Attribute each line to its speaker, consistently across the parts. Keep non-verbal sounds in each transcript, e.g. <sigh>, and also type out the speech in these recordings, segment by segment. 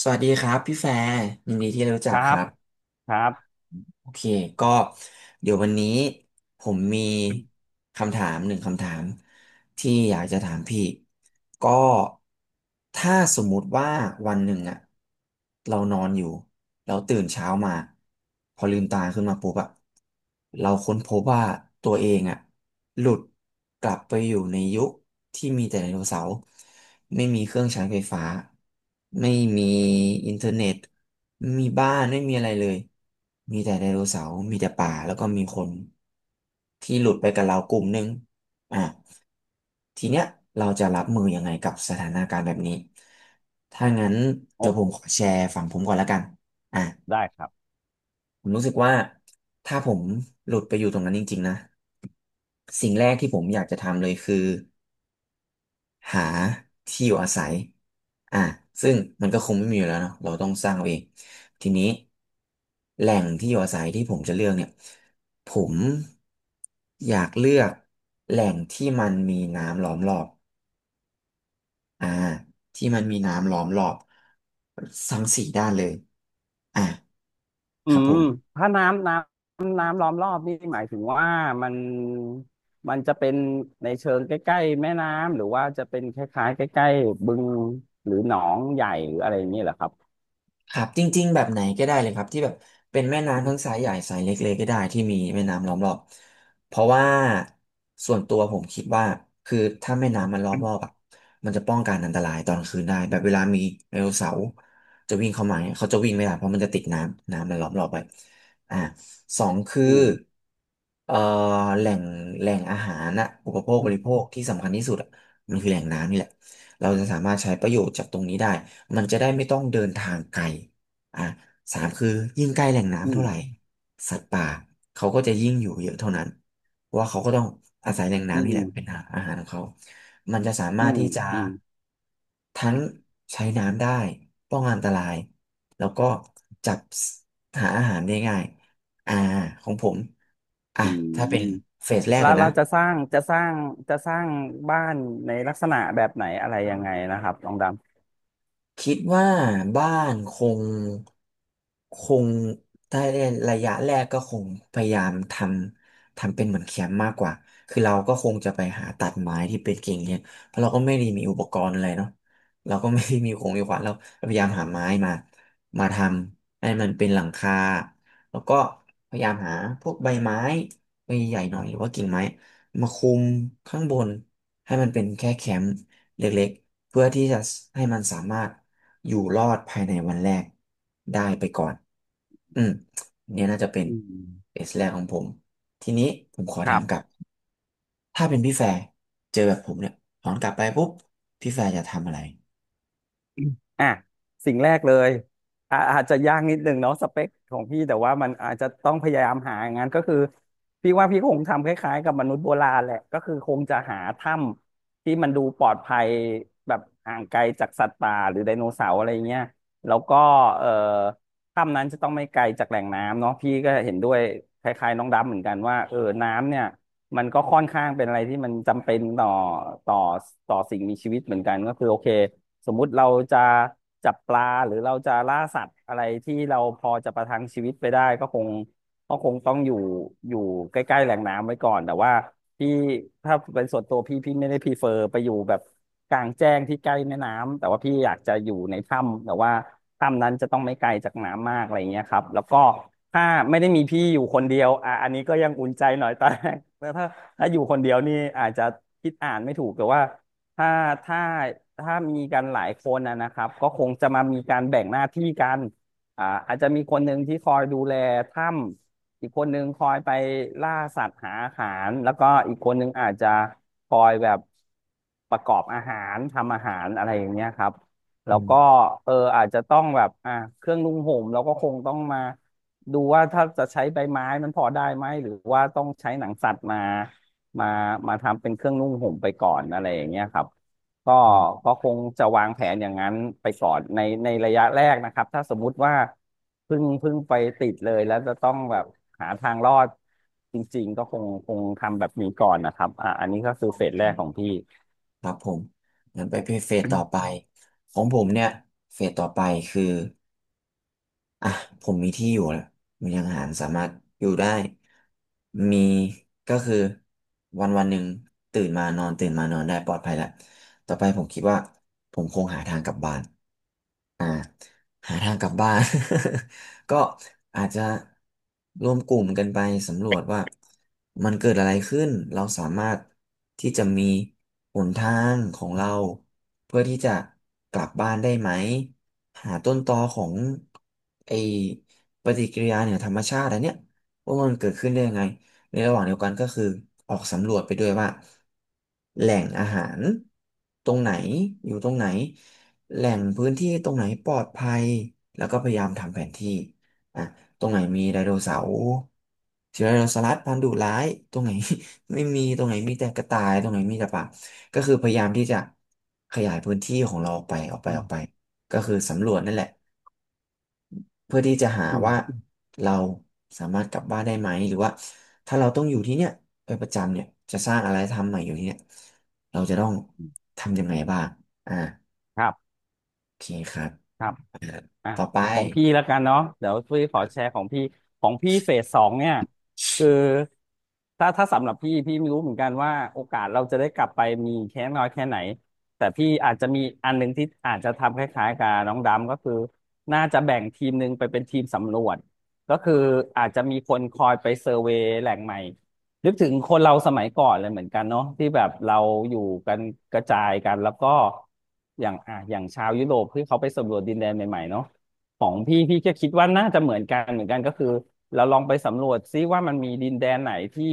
Speaker 1: สวัสดีครับพี่แฟร์ยินดีที่ได้รู้
Speaker 2: ค
Speaker 1: จัก
Speaker 2: รั
Speaker 1: ค
Speaker 2: บ
Speaker 1: รับ
Speaker 2: ครับ
Speaker 1: โอเคก็เดี๋ยววันนี้ผมมีคำถามหนึ่งคำถามที่อยากจะถามพี่ก็ถ้าสมมุติว่าวันหนึ่งอะเรานอนอยู่เราตื่นเช้ามาพอลืมตาขึ้นมาปุ๊บอะเราค้นพบว่าตัวเองอะหลุดกลับไปอยู่ในยุคที่มีแต่ไดโนเสาร์ไม่มีเครื่องใช้ไฟฟ้าไม่มีอินเทอร์เน็ต มีบ้านไม่มีอะไรเลย มีแต่ไดโนเสาร์มีแต่ป่าแล้วก็มีคนที่หลุดไปกับเรากลุ่มหนึงอ่ะ ทีเนี้ยเราจะรับมือยังไงกับสถานการณ์แบบนี้ ถ้างั้นเดี๋
Speaker 2: โอ้
Speaker 1: ยวผมขอแชร์ฝั่งผมก่อนแล้วกัน อ่ะ
Speaker 2: ได้ครับ
Speaker 1: ผมรู้สึกว่าถ้าผมหลุดไปอยู่ตรงนั้นจริงๆนะ สิ่งแรกที่ผมอยากจะทำเลยคือ หาที่อยู่อาศัยอ่ะซึ่งมันก็คงไม่มีอยู่แล้วเนาะเราต้องสร้างเอาเองทีนี้แหล่งที่อยู่อาศัยที่ผมจะเลือกเนี่ยผมอยากเลือกแหล่งที่มันมีน้ำล้อมรอบอ่าที่มันมีน้ำล้อมรอบทั้งสี่ด้านเลยอ่ะ
Speaker 2: อื
Speaker 1: ครับผ
Speaker 2: ม
Speaker 1: ม
Speaker 2: ถ้าน้ำล้อมรอบนี่หมายถึงว่ามันมันจะเป็นในเชิงใกล้ๆแม่น้ำหรือว่าจะเป็นคล้ายๆใกล้ๆบึงหรือหนองใหญ่หรืออะไรอย่างนี้เหรอครับ
Speaker 1: ครับจริงๆแบบไหนก็ได้เลยครับที่แบบเป็นแม่น้ำทั้งสายใหญ่สายเล็กๆก็ได้ที่มีแม่น้ำล้อมรอบเพราะว่าส่วนตัวผมคิดว่าคือถ้าแม่น้ำมันล้อมรอบอ่ะมันจะป้องกันอันตรายตอนคืนได้แบบเวลามีไดโนเสาร์จะวิ่งเข้ามาเนี่ยเขาจะวิ่งไม่ได้เพราะมันจะติดน้ำน้ำมันล้อมรอบไปอ่าสองคือ
Speaker 2: อืม
Speaker 1: เอ่อแหล่งแหล่งอาหารนะอุปโภค
Speaker 2: อื
Speaker 1: บริ
Speaker 2: ม
Speaker 1: โภคที่สำคัญที่สุดอะมันคือแหล่งน้ำนี่แหละ เราจะสามารถใช้ประโยชน์จากตรงนี้ได้มันจะได้ไม่ต้องเดินทางไกลอ่ะสามคือยิ่งใกล้แหล่งน้ำ
Speaker 2: อื
Speaker 1: เท่า
Speaker 2: ม
Speaker 1: ไหร่สัตว์ป่าเขาก็จะยิ่งอยู่เยอะเท่านั้นเพราะว่าเขาก็ต้องอาศัยแหล่ง
Speaker 2: อื
Speaker 1: น้ำนี่แหละ
Speaker 2: ม
Speaker 1: เป็นอาหารของเขามันจะสามา
Speaker 2: อื
Speaker 1: รถ
Speaker 2: ม
Speaker 1: ที่จะ
Speaker 2: อืม
Speaker 1: ทั้งใช้น้ำได้ป้องกันอันตรายแล้วก็จับหาอาหารได้ง่ายอ่าของผมอ่ะ
Speaker 2: อืม
Speaker 1: ถ้าเป็นเฟสแรก
Speaker 2: แล้
Speaker 1: ก่
Speaker 2: ว
Speaker 1: อน
Speaker 2: เรา
Speaker 1: นะ
Speaker 2: จะสร้างจะสร้างบ้านในลักษณะแบบไหนอะไรยังไงนะครับลองด
Speaker 1: คิดว่าบ้านงคงถ้าในระยะแรกก็คงพยายามทำเป็นเหมือนแคมป์มากกว่าคือเราก็คงจะไปหาตัดไม้ที่เป็นกิ่งเนี่ยเพราะเราก็ไม่ได้มีอุปกรณ์อะไรเนาะเราก็ไม่ได้มีของมีขวานเราพยายามหาไม้มามาทำให้มันเป็นหลังคาแล้วก็พยายามหาพวกใบไม้ใบใหญ่หน่อยหรือว่ากิ่งไม้มาคุมข้างบนให้มันเป็นแค่แคมป์ เล็กๆ เพื่อที่จะให้มันสามารถอยู่รอดภายในวันแรกได้ไปก่อน อืมเนี่ยน่าจะเป็
Speaker 2: ำ
Speaker 1: น
Speaker 2: อืม
Speaker 1: เอสแรกของผม ทีนี้ผมขอ
Speaker 2: ค
Speaker 1: ถา
Speaker 2: รั
Speaker 1: มกลับ
Speaker 2: บ
Speaker 1: ถ้าเป็นพี่แฟร์เจอแบบผมเนี่ยถอนกลับไปปุ๊บพี่แฟร์จะทำอะไร
Speaker 2: อ่ะสิ่งแรกเลยอาจจะยากนิดนึงเนาะสเปคของพี่แต่ว่ามันอาจจะต้องพยายามหาอย่างนั้นก็คือพี่ว่าพี่คงทำคล้ายๆกับมนุษย์โบราณแหละก็คือคงจะหาถ้ำที่มันดูปลอดภัยแบบห่างไกลจากสัตว์ป่าหรือไดโนเสาร์อะไรเงี้ยแล้วก็เอ่อถ้ำนั้นจะต้องไม่ไกลจากแหล่งน้ำเนาะพี่ก็เห็นด้วยคล้ายๆน้องดำเหมือนกันว่าเออน้ำเนี่ยมันก็ค่อนข้างเป็นอะไรที่มันจำเป็นต่อต่อสิ่งมีชีวิตเหมือนกันก็คือโอเค สมมุติเราจะจับปลาหรือเราจะล่าสัตว์อะไรที่เราพอจะประทังชีวิตไปได้ก็คงต้องอยู่ใกล้ๆแหล่งน้ำไว้ก่อนแต่ว่าพี่ถ้าเป็นส่วนตัวพี่ไม่ได้พรีเฟอร์ไปอยู่แบบกลางแจ้งที่ใกล้แม่น้ำแต่ว่าพี่อยากจะอยู่ในถ้ำแต่ว่าถ้ำนั้นจะต้องไม่ไกลจากน้ำมากอะไรอย่างเงี้ยครับแล้วก็ถ้าไม่ได้มีพี่อยู่คนเดียวอ่ะอันนี้ก็ยังอุ่นใจหน่อยตอนแรกแต่ถ้าอยู่คนเดียวนี่อาจจะคิดอ่านไม่ถูกแต่ว่า ถ้าถ้ามีกันหลายคนนะครับก็คงจะมามีการแบ่งหน้าที่กันอาจจะมีคนหนึ่งที่คอยดูแลถ้ำอีกคนหนึ่งคอยไปล่าสัตว์หาอาหารแล้วก็อีกคนหนึ่งอาจจะคอยแบบประกอบอาหารทำอาหารอะไรอย่างเงี้ยครับแล้
Speaker 1: อื
Speaker 2: วก็
Speaker 1: ม
Speaker 2: เอออาจจะต้องแบบเครื่องนุ่งห่มเราก็คงต้องมาดูว่าถ้าจะใช้ใบไม้มันพอได้ไหมหรือว่าต้องใช้หนังสัตว์มามาทำเป็นเครื่องนุ่งห่มไปก่อนอะไรอย่างเงี้ยครับก็
Speaker 1: อืม
Speaker 2: คงจะวางแผนอย่างนั้นไปก่อนในระยะแรกนะครับถ้าสมมุติว่าเพิ่งไปติดเลยแล้วจะต้องแบบหาทางรอดจริงๆก็คงทำแบบนี้ก่อนนะครับอ่าอันนี้ก็คือ
Speaker 1: โอ
Speaker 2: เฟส
Speaker 1: เค
Speaker 2: แรกของพี่
Speaker 1: ครับผมงั้นไปเฟสต่อไปของผมเนี่ยเฟสต่อไปคือ อ่ะผมมีที่อยู่แล้วมีทางอาหารสามารถอยู่ได้มีก็คือวันหนึ่งตื่นมานอนตื่นมานอนได้ปลอดภัยแล้วต่อไปผมคิดว่าผมคงหาทางกลับบ้าน หาทางกลับบ้าน <laughs> ก็อาจจะรวมกลุ่มกันไปสำรวจว่ามันเกิดอะไรขึ้นเราสามารถที่จะมีหนทางของเราเพื่อที่จะกลับบ้านได้ไหมหาต้นตอของไอปฏิกิริยาเหนือธรรมชาติอันเนี้ยว่ามันเกิดขึ้นได้ยังไงในระหว่างเดียวกันก็คือออกสำรวจไปด้วยว่าแหล่งอาหารตรงไหนอยู่ตรงไหน แหล่งพื้นที่ตรงไหนปลอดภัยแล้วก็พยายามทำแผนที่อ่ะตรงไหนมีไดโนเสาร์เสือไดโนเสาร์พันธุ์ดุร้ายตรงไหน <laughs> ไม่มีตรงไหนมีแต่กระต่ายตรงไหนมีแต่ป่าก็คือพยายามที่จะขยายพื้นที่ของเรา
Speaker 2: อื
Speaker 1: ออกไป
Speaker 2: ม
Speaker 1: ก็คือสำรวจนั่นแหละเพื่อที่จะหา
Speaker 2: อืม
Speaker 1: ว่าเราสามารถกลับบ้านได้ไหมหรือว่าถ้าเราต้องอยู่ที่เนี่ยไปประจำเนี่ยจะสร้างอะไรทำใหม่อยู่ที่เนี่ยเราจะต้องทำยังไงบ้างอ่า
Speaker 2: ครับ
Speaker 1: โอเคครับ
Speaker 2: ครับ อ่ะ
Speaker 1: ต่อไป
Speaker 2: ของพี่แล้วกันเนาะเดี๋ยวพี่ขอแชร์ของพี่เฟสสองเนี่ยคือถ้าสำหรับพี่ไม่รู้เหมือนกันว่าโอกาสเราจะได้กลับไปมีแค่น้อยแค่ไหนแต่พี่อาจจะมีอันหนึ่งที่อาจจะทำคล้ายๆกับน้องดำก็คือน่าจะแบ่งทีมหนึ่งไปเป็นทีมสำรวจก็คืออาจจะมีคนคอยไปเซอร์เวย์แหล่งใหม่นึกถึงคนเราสมัยก่อนเลยเหมือนกันเนาะที่แบบเราอยู่กันกระจายกันแล้วก็อย่างอ่ะอย่างชาวยุโรปที่เขาไปสำรวจดินแดนใหม่ๆเนาะ ของพี่ก็คิดว่าน่าจะเหมือนกันก็คือเราลองไปสำรวจซิว่ามันมีดินแดนไหนที่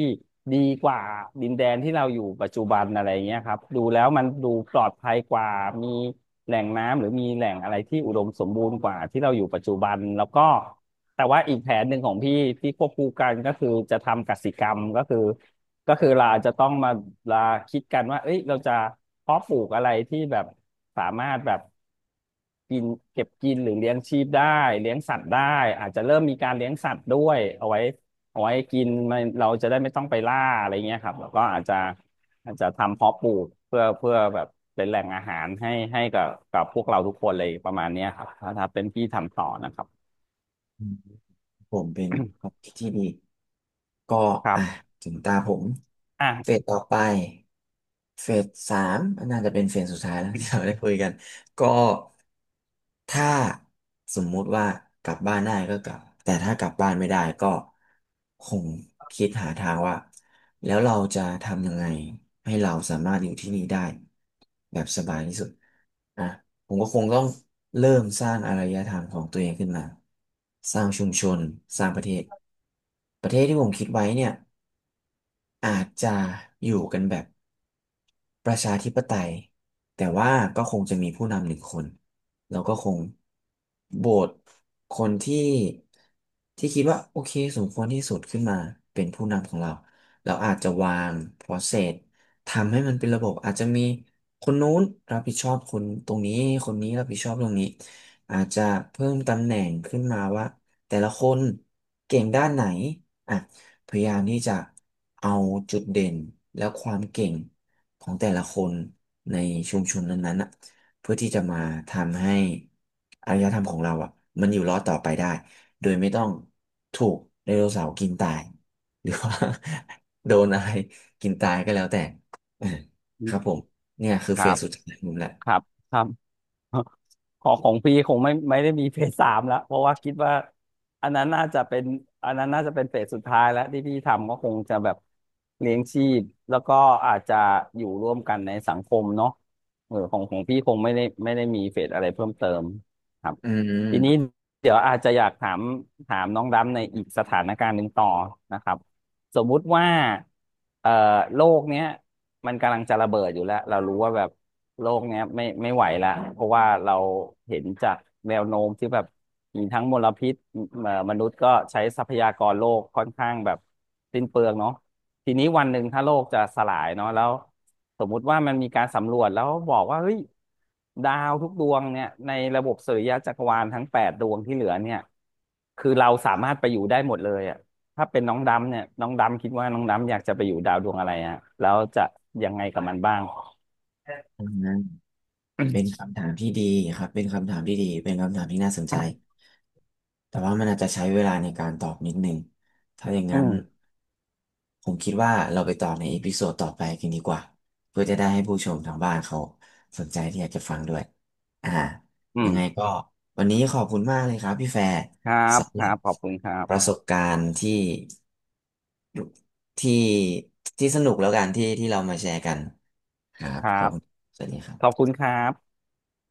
Speaker 2: ดีกว่าดินแดนที่เราอยู่ปัจจุบันอะไรเงี้ยครับดูแล้วมันดูปลอดภัยกว่ามีแหล่งน้ำหรือมีแหล่งอะไรที่อุดมสมบูรณ์กว่าที่เราอยู่ปัจจุบันแล้วก็แต่ว่าอีกแผนหนึ่งของพี่ที่ควบคู่กันก็คือจะทำกสิกรรมก็คือ เราอาจจะต้องมาลาคิดกันว่าเอ้ยเราจะเพาะปลูกอะไรที่แบบสามารถแบบกินเก็บกินหรือเลี้ยงชีพได้เลี้ยงสัตว์ได้อาจจะเริ่มมีการเลี้ยงสัตว์ด้วยเอาไว้กินมันเราจะได้ไม่ต้องไปล่าอะไรเงี้ยครับแล้วก็อาจจะทำเพาะปลูกเพื่อแบบเป็นแหล่งอาหารให้กับพวกเราทุกคนเลยประมาณเนี้ยครับถ้าเป็นพี่ทำต่อนะครับ
Speaker 1: อืมผมเป็นความคิดที่ดีก็
Speaker 2: ครั
Speaker 1: อ่ะ
Speaker 2: บ
Speaker 1: ถึงตาผมเฟส
Speaker 2: อ่ะ
Speaker 1: ต่อไปเฟสสามน่าจะเป็นเฟสสุดท้ายแล้ว <laughs> ที่เราได้คุยกันก็ถ้าสมมุติว่ากลับบ้านได้ก็กลับแต่ถ้ากลับบ้านไม่ได้ก็คงคิดหาทางว่าแล้วเราจะทำยังไงให้เราสามารถอยู่ที่นี่ได้แบบสบายที่สุดนะ ผมก็คงต้องเริ่มสร้างอารยธรรมของตัวเองขึ้นมาสร้างชุมชนสร้างประเทศประเทศที่ผมคิดไว้เนี่ยอาจจะอยู่กันแบบ ประชาธิปไตยแต่ว่าก็คงจะมีผู้นำหนึ่งคนแล้วก็คงโหวตคนที่ที่คิดว่าโอเคสมควรที่สุดขึ้นมาเป็นผู้นำของเราเราอาจจะวาง process ทำให้มันเป็นระบบอาจจะมีคนนู้นรับผิดชอบคนตรงนี้คนนี้รับผิดชอบตรงนี้อาจจะเพิ่มตำแหน่งขึ้นมาว่าแต่ละคนเก่งด้านไหนอ่ะ พยายามที่จะเอาจุดเด่นและความเก่งของแต่ละคนในชุมชนนั้นๆน่ะเพื่อที่จะมาทำให้อารยธรรมของเราอ่ะมันอยู่รอดต่อไปได้โดยไม่ต้องถูกไดโนเสาร์กินตายหรือว่า <laughs> โดนอะไรกินตายก็แล้วแต่ <laughs> เออ
Speaker 2: อื
Speaker 1: ค
Speaker 2: ม
Speaker 1: รับผมเนี่ยคือ
Speaker 2: ค
Speaker 1: เฟ
Speaker 2: รั
Speaker 1: ส
Speaker 2: บ
Speaker 1: สุดท้ายของผมแหละ
Speaker 2: ครับครับ ของพี่คงไม่ได้มีเฟสสามแล้วเพราะว่าคิดว่าอันนั้นน่าจะเป็นอันนั้นน่าจะเป็นเฟสสุดท้ายแล้วที่พี่ทำก็คงจะแบบเลี้ยงชีพแล้วก็อาจจะอยู่ร่วมกันในสังคมเนาะเออของพี่คงไม่ได้มีเฟสอะไรเพิ่มเติมครับ
Speaker 1: อื
Speaker 2: ทีนี้
Speaker 1: ม
Speaker 2: เดี๋ยวอาจจะอยากถามน้องดำในอีกสถานการณ์หนึ่งต่อนะครับ สมมุติว่าเอ่อโลกเนี้ยมันกำลังจะระเบิดอยู่แล้วเรารู้ว่าแบบโลกเนี้ยไม่ไหวละเพราะว่าเราเห็นจากแนวโน้มที่แบบมีทั้งมลพิษมนุษย์ก็ใช้ทรัพยากรโลกค่อนข้างแบบสิ้นเปลืองเนาะทีนี้วันหนึ่งถ้าโลกจะสลายเนาะแล้วสมมุติว่ามันมีการสำรวจแล้วบอกว่าเฮ้ยดาวทุกดวงเนี่ยในระบบสุริยะจักรวาลทั้งแปดดวงที่เหลือเนี่ยคือเราสามารถไปอยู่ได้หมดเลยอ่ะ ถ้าเป็นน้องดำเนี่ยน้องดำคิดว่าน้องดำอยากจะไปอยู่ดาวดวงอะไรฮะแล้วจะยังไงกับมันบ้าง
Speaker 1: อืมเป็นคำถามที่ดีครับเป็นคำถามที่ดีเป็นคำถามที่น่าสนใจ แต่ว่ามันอาจจะใช้เวลาในการตอบนิดนึงถ้าอย่าง
Speaker 2: อื
Speaker 1: นั้น
Speaker 2: ม
Speaker 1: ผมคิดว่าเราไปต่อในเอพิโซดต่อไปกันดีกว่า เพื่อจะได้ให้ผู้ชมทางบ้านเขาสนใจที่อยากจะฟังด้วยอ่า
Speaker 2: อื
Speaker 1: ยั
Speaker 2: ม
Speaker 1: งไงก็วันนี้ขอบคุณมากเลยครับพี่แฟร์
Speaker 2: ครับ
Speaker 1: สำ
Speaker 2: ค
Speaker 1: หรั
Speaker 2: รั
Speaker 1: บ
Speaker 2: บขอบคุณครั
Speaker 1: ประ
Speaker 2: บ
Speaker 1: สบการณ์ที่ที่สนุกแล้วกันที่เรามาแชร์กันครับ
Speaker 2: ครั
Speaker 1: ขอบ
Speaker 2: บ
Speaker 1: คุณสวัสดีครั
Speaker 2: ขอบ
Speaker 1: บ
Speaker 2: คุณครับ